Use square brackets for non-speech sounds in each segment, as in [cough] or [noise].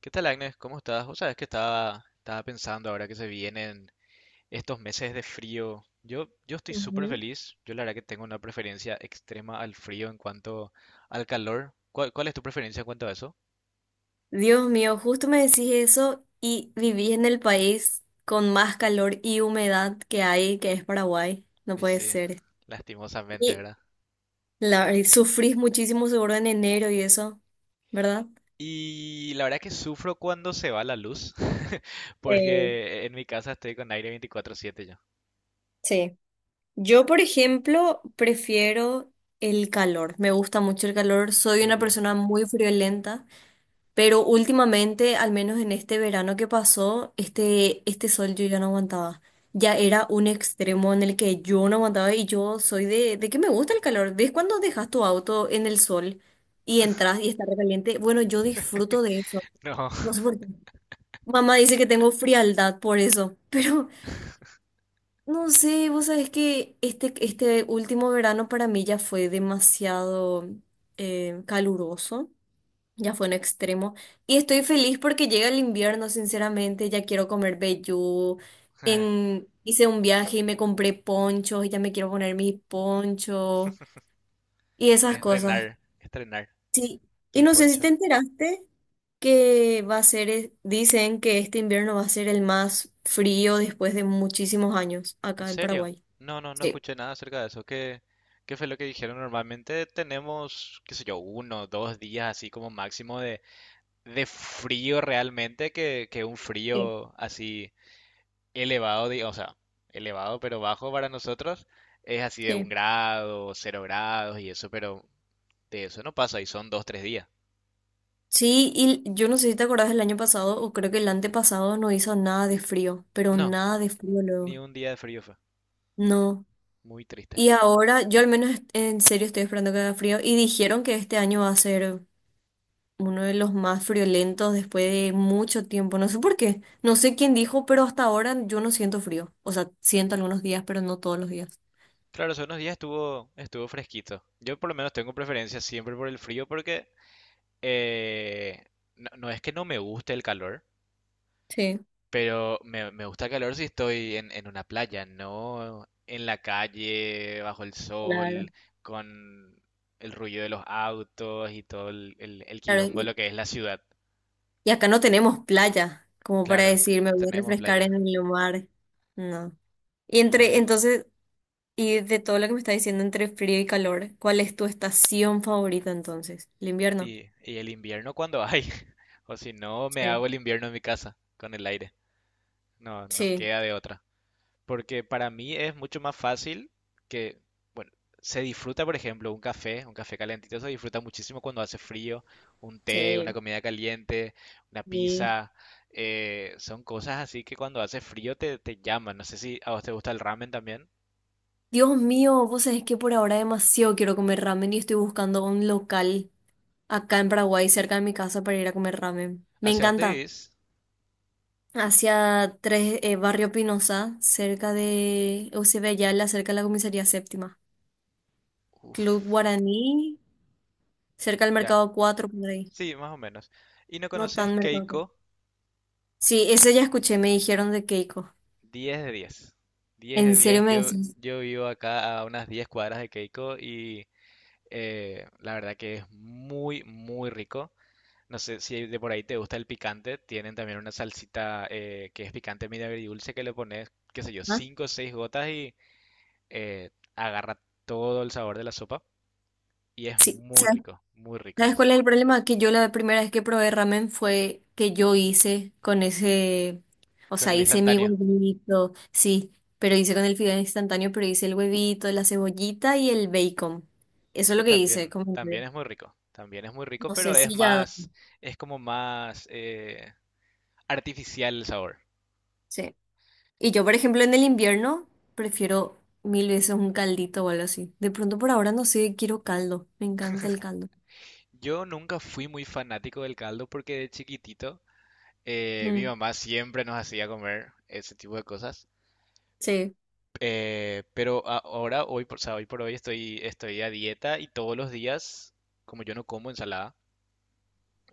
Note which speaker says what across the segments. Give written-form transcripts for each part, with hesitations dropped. Speaker 1: ¿Qué tal, Agnes? ¿Cómo estás? O sabes que estaba pensando ahora que se vienen estos meses de frío. Yo estoy súper
Speaker 2: Ujú.
Speaker 1: feliz. Yo la verdad que tengo una preferencia extrema al frío en cuanto al calor. ¿Cuál es tu preferencia en cuanto a eso?
Speaker 2: Dios mío, justo me decís eso y viví en el país con más calor y humedad que hay, que es Paraguay. No
Speaker 1: Y
Speaker 2: puede
Speaker 1: sí,
Speaker 2: ser.
Speaker 1: lastimosamente,
Speaker 2: Y
Speaker 1: ¿verdad?
Speaker 2: y sufrís muchísimo seguro en enero y eso, ¿verdad?
Speaker 1: Y la verdad que sufro cuando se va la luz, [laughs]
Speaker 2: Eh,
Speaker 1: porque en mi casa estoy con aire 24/7 yo.
Speaker 2: sí. Yo, por ejemplo, prefiero el calor. Me gusta mucho el calor. Soy una
Speaker 1: ¿Serio?
Speaker 2: persona muy friolenta. Pero últimamente, al menos en este verano que pasó, este sol yo ya no aguantaba. Ya era un extremo en el que yo no aguantaba y yo soy de que me gusta el calor. ¿Ves cuando dejas tu auto en el sol y entras y está recaliente? Bueno, yo
Speaker 1: [laughs]
Speaker 2: disfruto de eso.
Speaker 1: No,
Speaker 2: No sé por qué. Mamá dice que tengo frialdad por eso, [laughs] pero no sé, vos sabés que este último verano para mí ya fue demasiado caluroso. Ya fue un extremo. Y estoy feliz porque llega el invierno, sinceramente. Ya quiero comer vellú.
Speaker 1: [laughs]
Speaker 2: Hice un viaje y me compré ponchos y ya me quiero poner mis ponchos y esas cosas.
Speaker 1: estrenar
Speaker 2: Sí. Y
Speaker 1: el
Speaker 2: no sé si te
Speaker 1: poncho.
Speaker 2: enteraste que va a ser, dicen que este invierno va a ser el más frío después de muchísimos años
Speaker 1: ¿En
Speaker 2: acá en
Speaker 1: serio?
Speaker 2: Paraguay.
Speaker 1: No, no, no
Speaker 2: Sí.
Speaker 1: escuché nada acerca de eso. ¿Qué, qué fue lo que dijeron? Normalmente tenemos, qué sé yo, uno, dos días así como máximo de frío realmente, que un
Speaker 2: Sí.
Speaker 1: frío así elevado, o sea, elevado pero bajo para nosotros es así de
Speaker 2: Sí.
Speaker 1: un grado, cero grados y eso, pero de eso no pasa y son dos, tres días.
Speaker 2: Sí, y yo no sé si te acordás del año pasado o creo que el antepasado no hizo nada de frío, pero
Speaker 1: No,
Speaker 2: nada de frío
Speaker 1: ni
Speaker 2: luego.
Speaker 1: un día de frío fue.
Speaker 2: No.
Speaker 1: Muy triste.
Speaker 2: Y ahora, yo al menos en serio estoy esperando que haga frío. Y dijeron que este año va a ser uno de los más friolentos después de mucho tiempo. No sé por qué. No sé quién dijo, pero hasta ahora yo no siento frío. O sea, siento algunos días, pero no todos los días.
Speaker 1: Claro, hace unos días estuvo fresquito. Yo por lo menos tengo preferencia siempre por el frío porque... Eh, no, no es que no me guste el calor,
Speaker 2: Sí.
Speaker 1: pero me gusta el calor si estoy en una playa, no en la calle, bajo el
Speaker 2: Claro.
Speaker 1: sol, con el ruido de los autos y todo el
Speaker 2: Claro,
Speaker 1: quilombo de lo que es la ciudad.
Speaker 2: y acá no tenemos playa, como para
Speaker 1: Claro,
Speaker 2: decir, me
Speaker 1: no
Speaker 2: voy a
Speaker 1: tenemos
Speaker 2: refrescar
Speaker 1: playa.
Speaker 2: en el mar. No.
Speaker 1: No hay- br-
Speaker 2: Entonces, y de todo lo que me está diciendo entre frío y calor, ¿cuál es tu estación favorita entonces? ¿El invierno?
Speaker 1: Y, y el invierno cuando hay. [laughs] O si no, me
Speaker 2: Sí.
Speaker 1: hago el invierno en mi casa, con el aire. No, no
Speaker 2: Sí.
Speaker 1: queda de otra. Porque para mí es mucho más fácil que, bueno, se disfruta, por ejemplo, un café calentito se disfruta muchísimo cuando hace frío, un té, una
Speaker 2: Sí.
Speaker 1: comida caliente, una
Speaker 2: Sí.
Speaker 1: pizza, son cosas así que cuando hace frío te llaman. No sé si a vos te gusta el ramen también.
Speaker 2: Dios mío, vos sabés que por ahora demasiado quiero comer ramen y estoy buscando un local acá en Paraguay, cerca de mi casa, para ir a comer ramen. Me
Speaker 1: ¿Hacia dónde
Speaker 2: encanta.
Speaker 1: vivís?
Speaker 2: Hacia tres, Barrio Pinoza, cerca de Eusebio Ayala, cerca de la comisaría séptima. Club
Speaker 1: Uf,
Speaker 2: Guaraní, cerca del
Speaker 1: ya,
Speaker 2: Mercado cuatro por ahí.
Speaker 1: sí, más o menos. ¿Y no
Speaker 2: No
Speaker 1: conoces
Speaker 2: tan Mercado 4.
Speaker 1: Keiko?
Speaker 2: Sí, ese ya escuché, me dijeron de Keiko.
Speaker 1: Diez de diez, 10 de
Speaker 2: ¿En serio
Speaker 1: diez.
Speaker 2: me decís?
Speaker 1: Yo vivo acá a unas 10 cuadras de Keiko y la verdad que es muy, muy rico. No sé si de por ahí te gusta el picante. Tienen también una salsita que es picante medio agridulce que le pones, qué sé yo,
Speaker 2: ¿Ah?
Speaker 1: 5 o 6 gotas y eh, agarra todo el sabor de la sopa. Y es
Speaker 2: Sí.
Speaker 1: muy rico, muy rico.
Speaker 2: ¿Sabes cuál es el problema? Que yo la primera vez que probé ramen fue que yo hice con ese, o
Speaker 1: Con
Speaker 2: sea,
Speaker 1: el
Speaker 2: hice mi
Speaker 1: instantáneo,
Speaker 2: huevito, sí, pero hice con el fideo instantáneo, pero hice el huevito, la cebollita y el bacon. Eso es
Speaker 1: que
Speaker 2: lo que hice, como que
Speaker 1: también es muy rico. También es muy rico,
Speaker 2: no
Speaker 1: pero
Speaker 2: sé
Speaker 1: es
Speaker 2: si ya,
Speaker 1: más, es como más artificial el sabor.
Speaker 2: sí. Y yo, por ejemplo, en el invierno prefiero mil veces un caldito o algo así. De pronto por ahora no sé, quiero caldo, me encanta el caldo.
Speaker 1: Yo nunca fui muy fanático del caldo porque de chiquitito mi
Speaker 2: Mm,
Speaker 1: mamá siempre nos hacía comer ese tipo de cosas.
Speaker 2: sí,
Speaker 1: Ahora, o sea, hoy por hoy estoy a dieta y todos los días, como yo no como ensalada,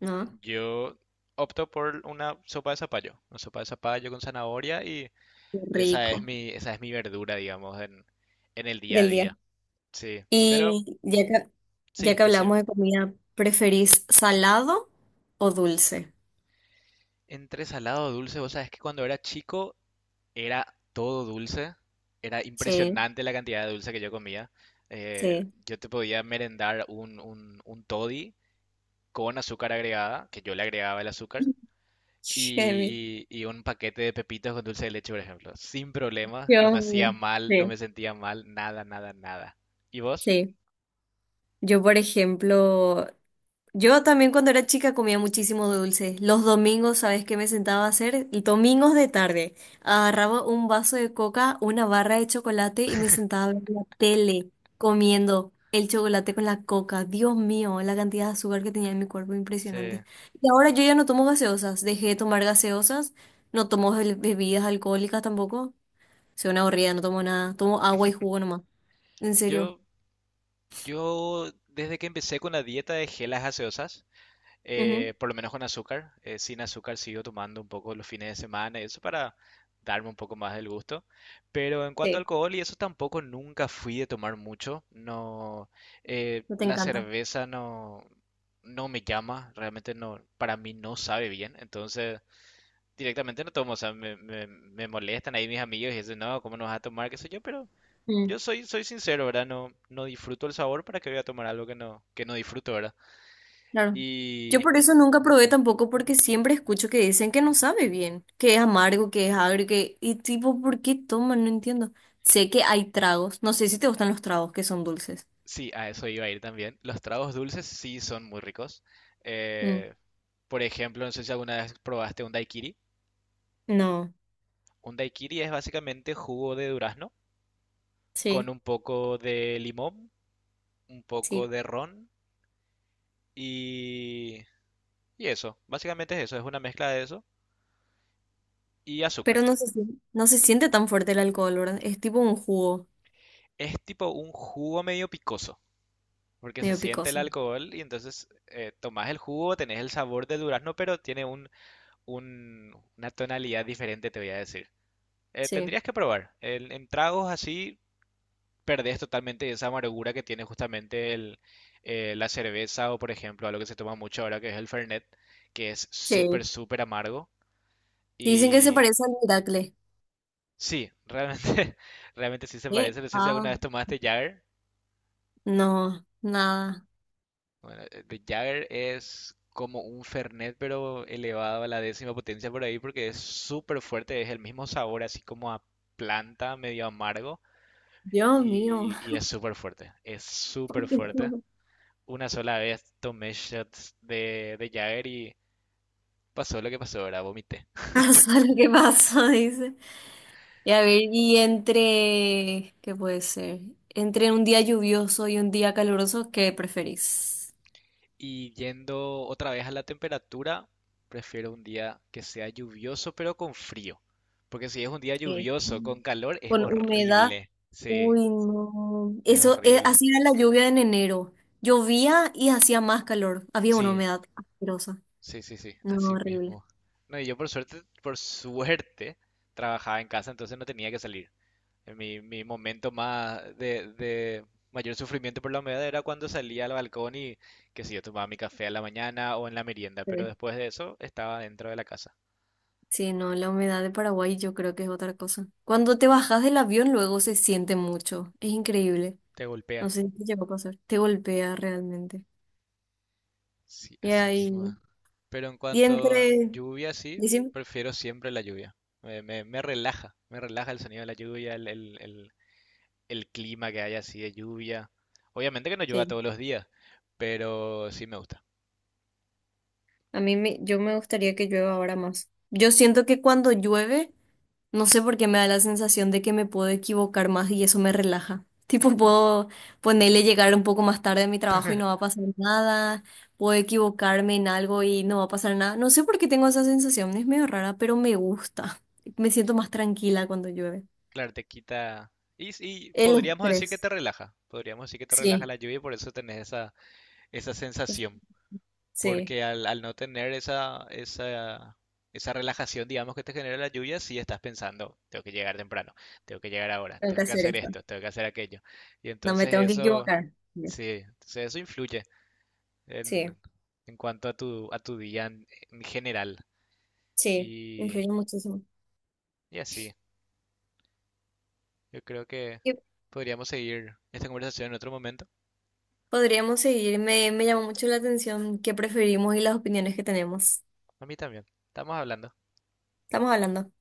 Speaker 2: ¿no?
Speaker 1: yo opto por una sopa de zapallo. Una sopa de zapallo con zanahoria y
Speaker 2: Qué Rico.
Speaker 1: esa es mi verdura, digamos, en el día a
Speaker 2: Del día.
Speaker 1: día. Sí, pero
Speaker 2: Y ya que, ya
Speaker 1: sí,
Speaker 2: que
Speaker 1: decir,
Speaker 2: hablamos de comida, ¿preferís salado o dulce?
Speaker 1: entre salado o dulce, vos sabés que cuando era chico era todo dulce. Era
Speaker 2: Sí,
Speaker 1: impresionante la cantidad de dulce que yo comía.
Speaker 2: sí.
Speaker 1: Yo te podía merendar un toddy con azúcar agregada, que yo le agregaba el azúcar,
Speaker 2: [laughs] Heavy.
Speaker 1: y un paquete de pepitas con dulce de leche, por ejemplo. Sin problema, no me
Speaker 2: Dios
Speaker 1: hacía mal, no me
Speaker 2: Sí,
Speaker 1: sentía mal, nada, nada, nada. ¿Y vos?
Speaker 2: sí. Yo, por ejemplo, Yo también cuando era chica comía muchísimo dulce. Los domingos, ¿sabes qué me sentaba a hacer? Domingos de tarde. Agarraba un vaso de coca, una barra de chocolate y me sentaba a ver la tele comiendo el chocolate con la coca. Dios mío, la cantidad de azúcar que tenía en mi cuerpo,
Speaker 1: Sí.
Speaker 2: impresionante. Y ahora yo ya no tomo gaseosas. Dejé de tomar gaseosas. No tomo bebidas alcohólicas tampoco. Soy una aburrida, no tomo nada. Tomo agua y jugo nomás. En serio.
Speaker 1: Yo, yo, desde que empecé con la dieta de gelas gaseosas,
Speaker 2: Ujú,
Speaker 1: por lo menos con azúcar. Sin azúcar sigo tomando un poco los fines de semana y eso para darme un poco más del gusto. Pero en cuanto a
Speaker 2: sí,
Speaker 1: alcohol y eso tampoco nunca fui de tomar mucho. No,
Speaker 2: no te
Speaker 1: la
Speaker 2: encanta.
Speaker 1: cerveza no, no me llama, realmente no, para mí no sabe bien. Entonces directamente no tomo, o sea, me molestan ahí mis amigos y dicen, no, ¿cómo no vas a tomar? ¿Qué sé yo? Pero yo soy, soy sincero, ¿verdad? No, no disfruto el sabor para que voy a tomar algo que no disfruto, ¿verdad?
Speaker 2: Claro. Yo
Speaker 1: Y
Speaker 2: por eso nunca probé tampoco porque siempre escucho que dicen que no sabe bien, que es amargo, que es agrio, que... Y tipo, ¿por qué toman? No entiendo. Sé que hay tragos. No sé si te gustan los tragos que son dulces.
Speaker 1: sí, a eso iba a ir también. Los tragos dulces sí son muy ricos.
Speaker 2: Mm,
Speaker 1: Eh, por ejemplo, no sé si alguna vez probaste un daiquiri.
Speaker 2: no,
Speaker 1: Un daiquiri es básicamente jugo de durazno con
Speaker 2: sí,
Speaker 1: un poco de limón, un
Speaker 2: sí.
Speaker 1: poco de ron y, y eso. Básicamente es eso, es una mezcla de eso y azúcar.
Speaker 2: Pero [laughs] no se siente tan fuerte el alcohol, ¿verdad? Es tipo un jugo
Speaker 1: Es tipo un jugo medio picoso, porque se
Speaker 2: medio
Speaker 1: siente el
Speaker 2: picoso.
Speaker 1: alcohol y entonces tomás el jugo, tenés el sabor del durazno, pero tiene un, una tonalidad diferente, te voy a decir.
Speaker 2: Sí,
Speaker 1: Tendrías que probar. En tragos así perdés totalmente esa amargura que tiene justamente el, la cerveza o, por ejemplo, algo que se toma mucho ahora que es el Fernet, que es súper,
Speaker 2: sí.
Speaker 1: súper amargo.
Speaker 2: Dicen que se
Speaker 1: Y
Speaker 2: parece al Miracle.
Speaker 1: sí, realmente, [laughs] realmente sí se
Speaker 2: ¿Eh?
Speaker 1: parece. No sé si
Speaker 2: Ah,
Speaker 1: alguna vez tomaste Jagger.
Speaker 2: no, nada.
Speaker 1: Bueno, de Jagger es como un Fernet, pero elevado a la décima potencia por ahí porque es súper fuerte. Es el mismo sabor, así como a planta, medio amargo.
Speaker 2: Dios mío,
Speaker 1: Y es súper fuerte, es
Speaker 2: [laughs]
Speaker 1: súper
Speaker 2: ¿por qué
Speaker 1: fuerte.
Speaker 2: no?
Speaker 1: Una sola vez tomé shots de Jagger y pasó lo que pasó, ahora vomité.
Speaker 2: [laughs] Pasa lo que pasa, dice. Y a ver, ¿qué puede ser? Entre un día lluvioso y un día caluroso, ¿qué preferís?
Speaker 1: Y yendo otra vez a la temperatura, prefiero un día que sea lluvioso pero con frío. Porque si es un día
Speaker 2: Sí.
Speaker 1: lluvioso
Speaker 2: Mm.
Speaker 1: con calor es
Speaker 2: Con humedad.
Speaker 1: horrible. Sí,
Speaker 2: Uy, no.
Speaker 1: es
Speaker 2: Eso,
Speaker 1: horrible.
Speaker 2: así era la lluvia en enero. Llovía y hacía más calor. Había una
Speaker 1: Sí,
Speaker 2: humedad asquerosa.
Speaker 1: sí, sí, sí,
Speaker 2: No,
Speaker 1: así
Speaker 2: horrible.
Speaker 1: mismo. No, y yo por suerte, trabajaba en casa, entonces no tenía que salir. Mi momento más de mayor sufrimiento por la humedad era cuando salía al balcón y, que si yo, tomaba mi café a la mañana o en la merienda, pero
Speaker 2: Sí,
Speaker 1: después de eso estaba dentro de la casa.
Speaker 2: sí, no, la humedad de Paraguay yo creo que es otra cosa. Cuando te bajas del avión luego se siente mucho. Es increíble.
Speaker 1: Te
Speaker 2: No
Speaker 1: golpea.
Speaker 2: sé si te llegó a pasar. Te golpea realmente.
Speaker 1: Sí,
Speaker 2: Y
Speaker 1: así
Speaker 2: ahí.
Speaker 1: mismo. Es. Pero en
Speaker 2: Y
Speaker 1: cuanto a
Speaker 2: entre.
Speaker 1: lluvia, sí,
Speaker 2: Decime.
Speaker 1: prefiero siempre la lluvia. Me relaja el sonido de la lluvia, el clima que hay así de lluvia. Obviamente que no llueva
Speaker 2: Sí,
Speaker 1: todos los días, pero sí me gusta.
Speaker 2: a mí me, yo me gustaría que llueva ahora más. Yo siento que cuando llueve, no sé por qué me da la sensación de que me puedo equivocar más y eso me relaja. [laughs] Tipo, puedo ponerle llegar un poco más tarde a mi trabajo y no
Speaker 1: [laughs]
Speaker 2: va a pasar nada. Puedo equivocarme en algo y no va a pasar nada. No sé por qué tengo esa sensación, es medio rara, pero me gusta. [laughs] Me siento más tranquila cuando llueve.
Speaker 1: Claro, te quita. Y, y
Speaker 2: El
Speaker 1: podríamos decir que
Speaker 2: estrés.
Speaker 1: te relaja. Podríamos decir que te relaja
Speaker 2: Sí,
Speaker 1: la lluvia y por eso tenés esa, esa sensación.
Speaker 2: sí,
Speaker 1: Porque al no tener esa relajación, digamos, que te genera la lluvia, sí estás pensando, tengo que llegar temprano, tengo que llegar ahora,
Speaker 2: tengo que
Speaker 1: tengo que
Speaker 2: hacer
Speaker 1: hacer
Speaker 2: esto.
Speaker 1: esto, tengo que hacer aquello. Y
Speaker 2: No me
Speaker 1: entonces
Speaker 2: tengo que
Speaker 1: eso,
Speaker 2: equivocar.
Speaker 1: sí, entonces eso influye en,
Speaker 2: Sí,
Speaker 1: en cuanto a a tu día en general.
Speaker 2: sí,
Speaker 1: Y,
Speaker 2: influye muchísimo.
Speaker 1: y así, yo creo que podríamos seguir esta conversación en otro momento.
Speaker 2: Podríamos seguir. Me llamó mucho la atención qué preferimos y las opiniones que tenemos.
Speaker 1: A mí también. Estamos hablando.
Speaker 2: Estamos hablando.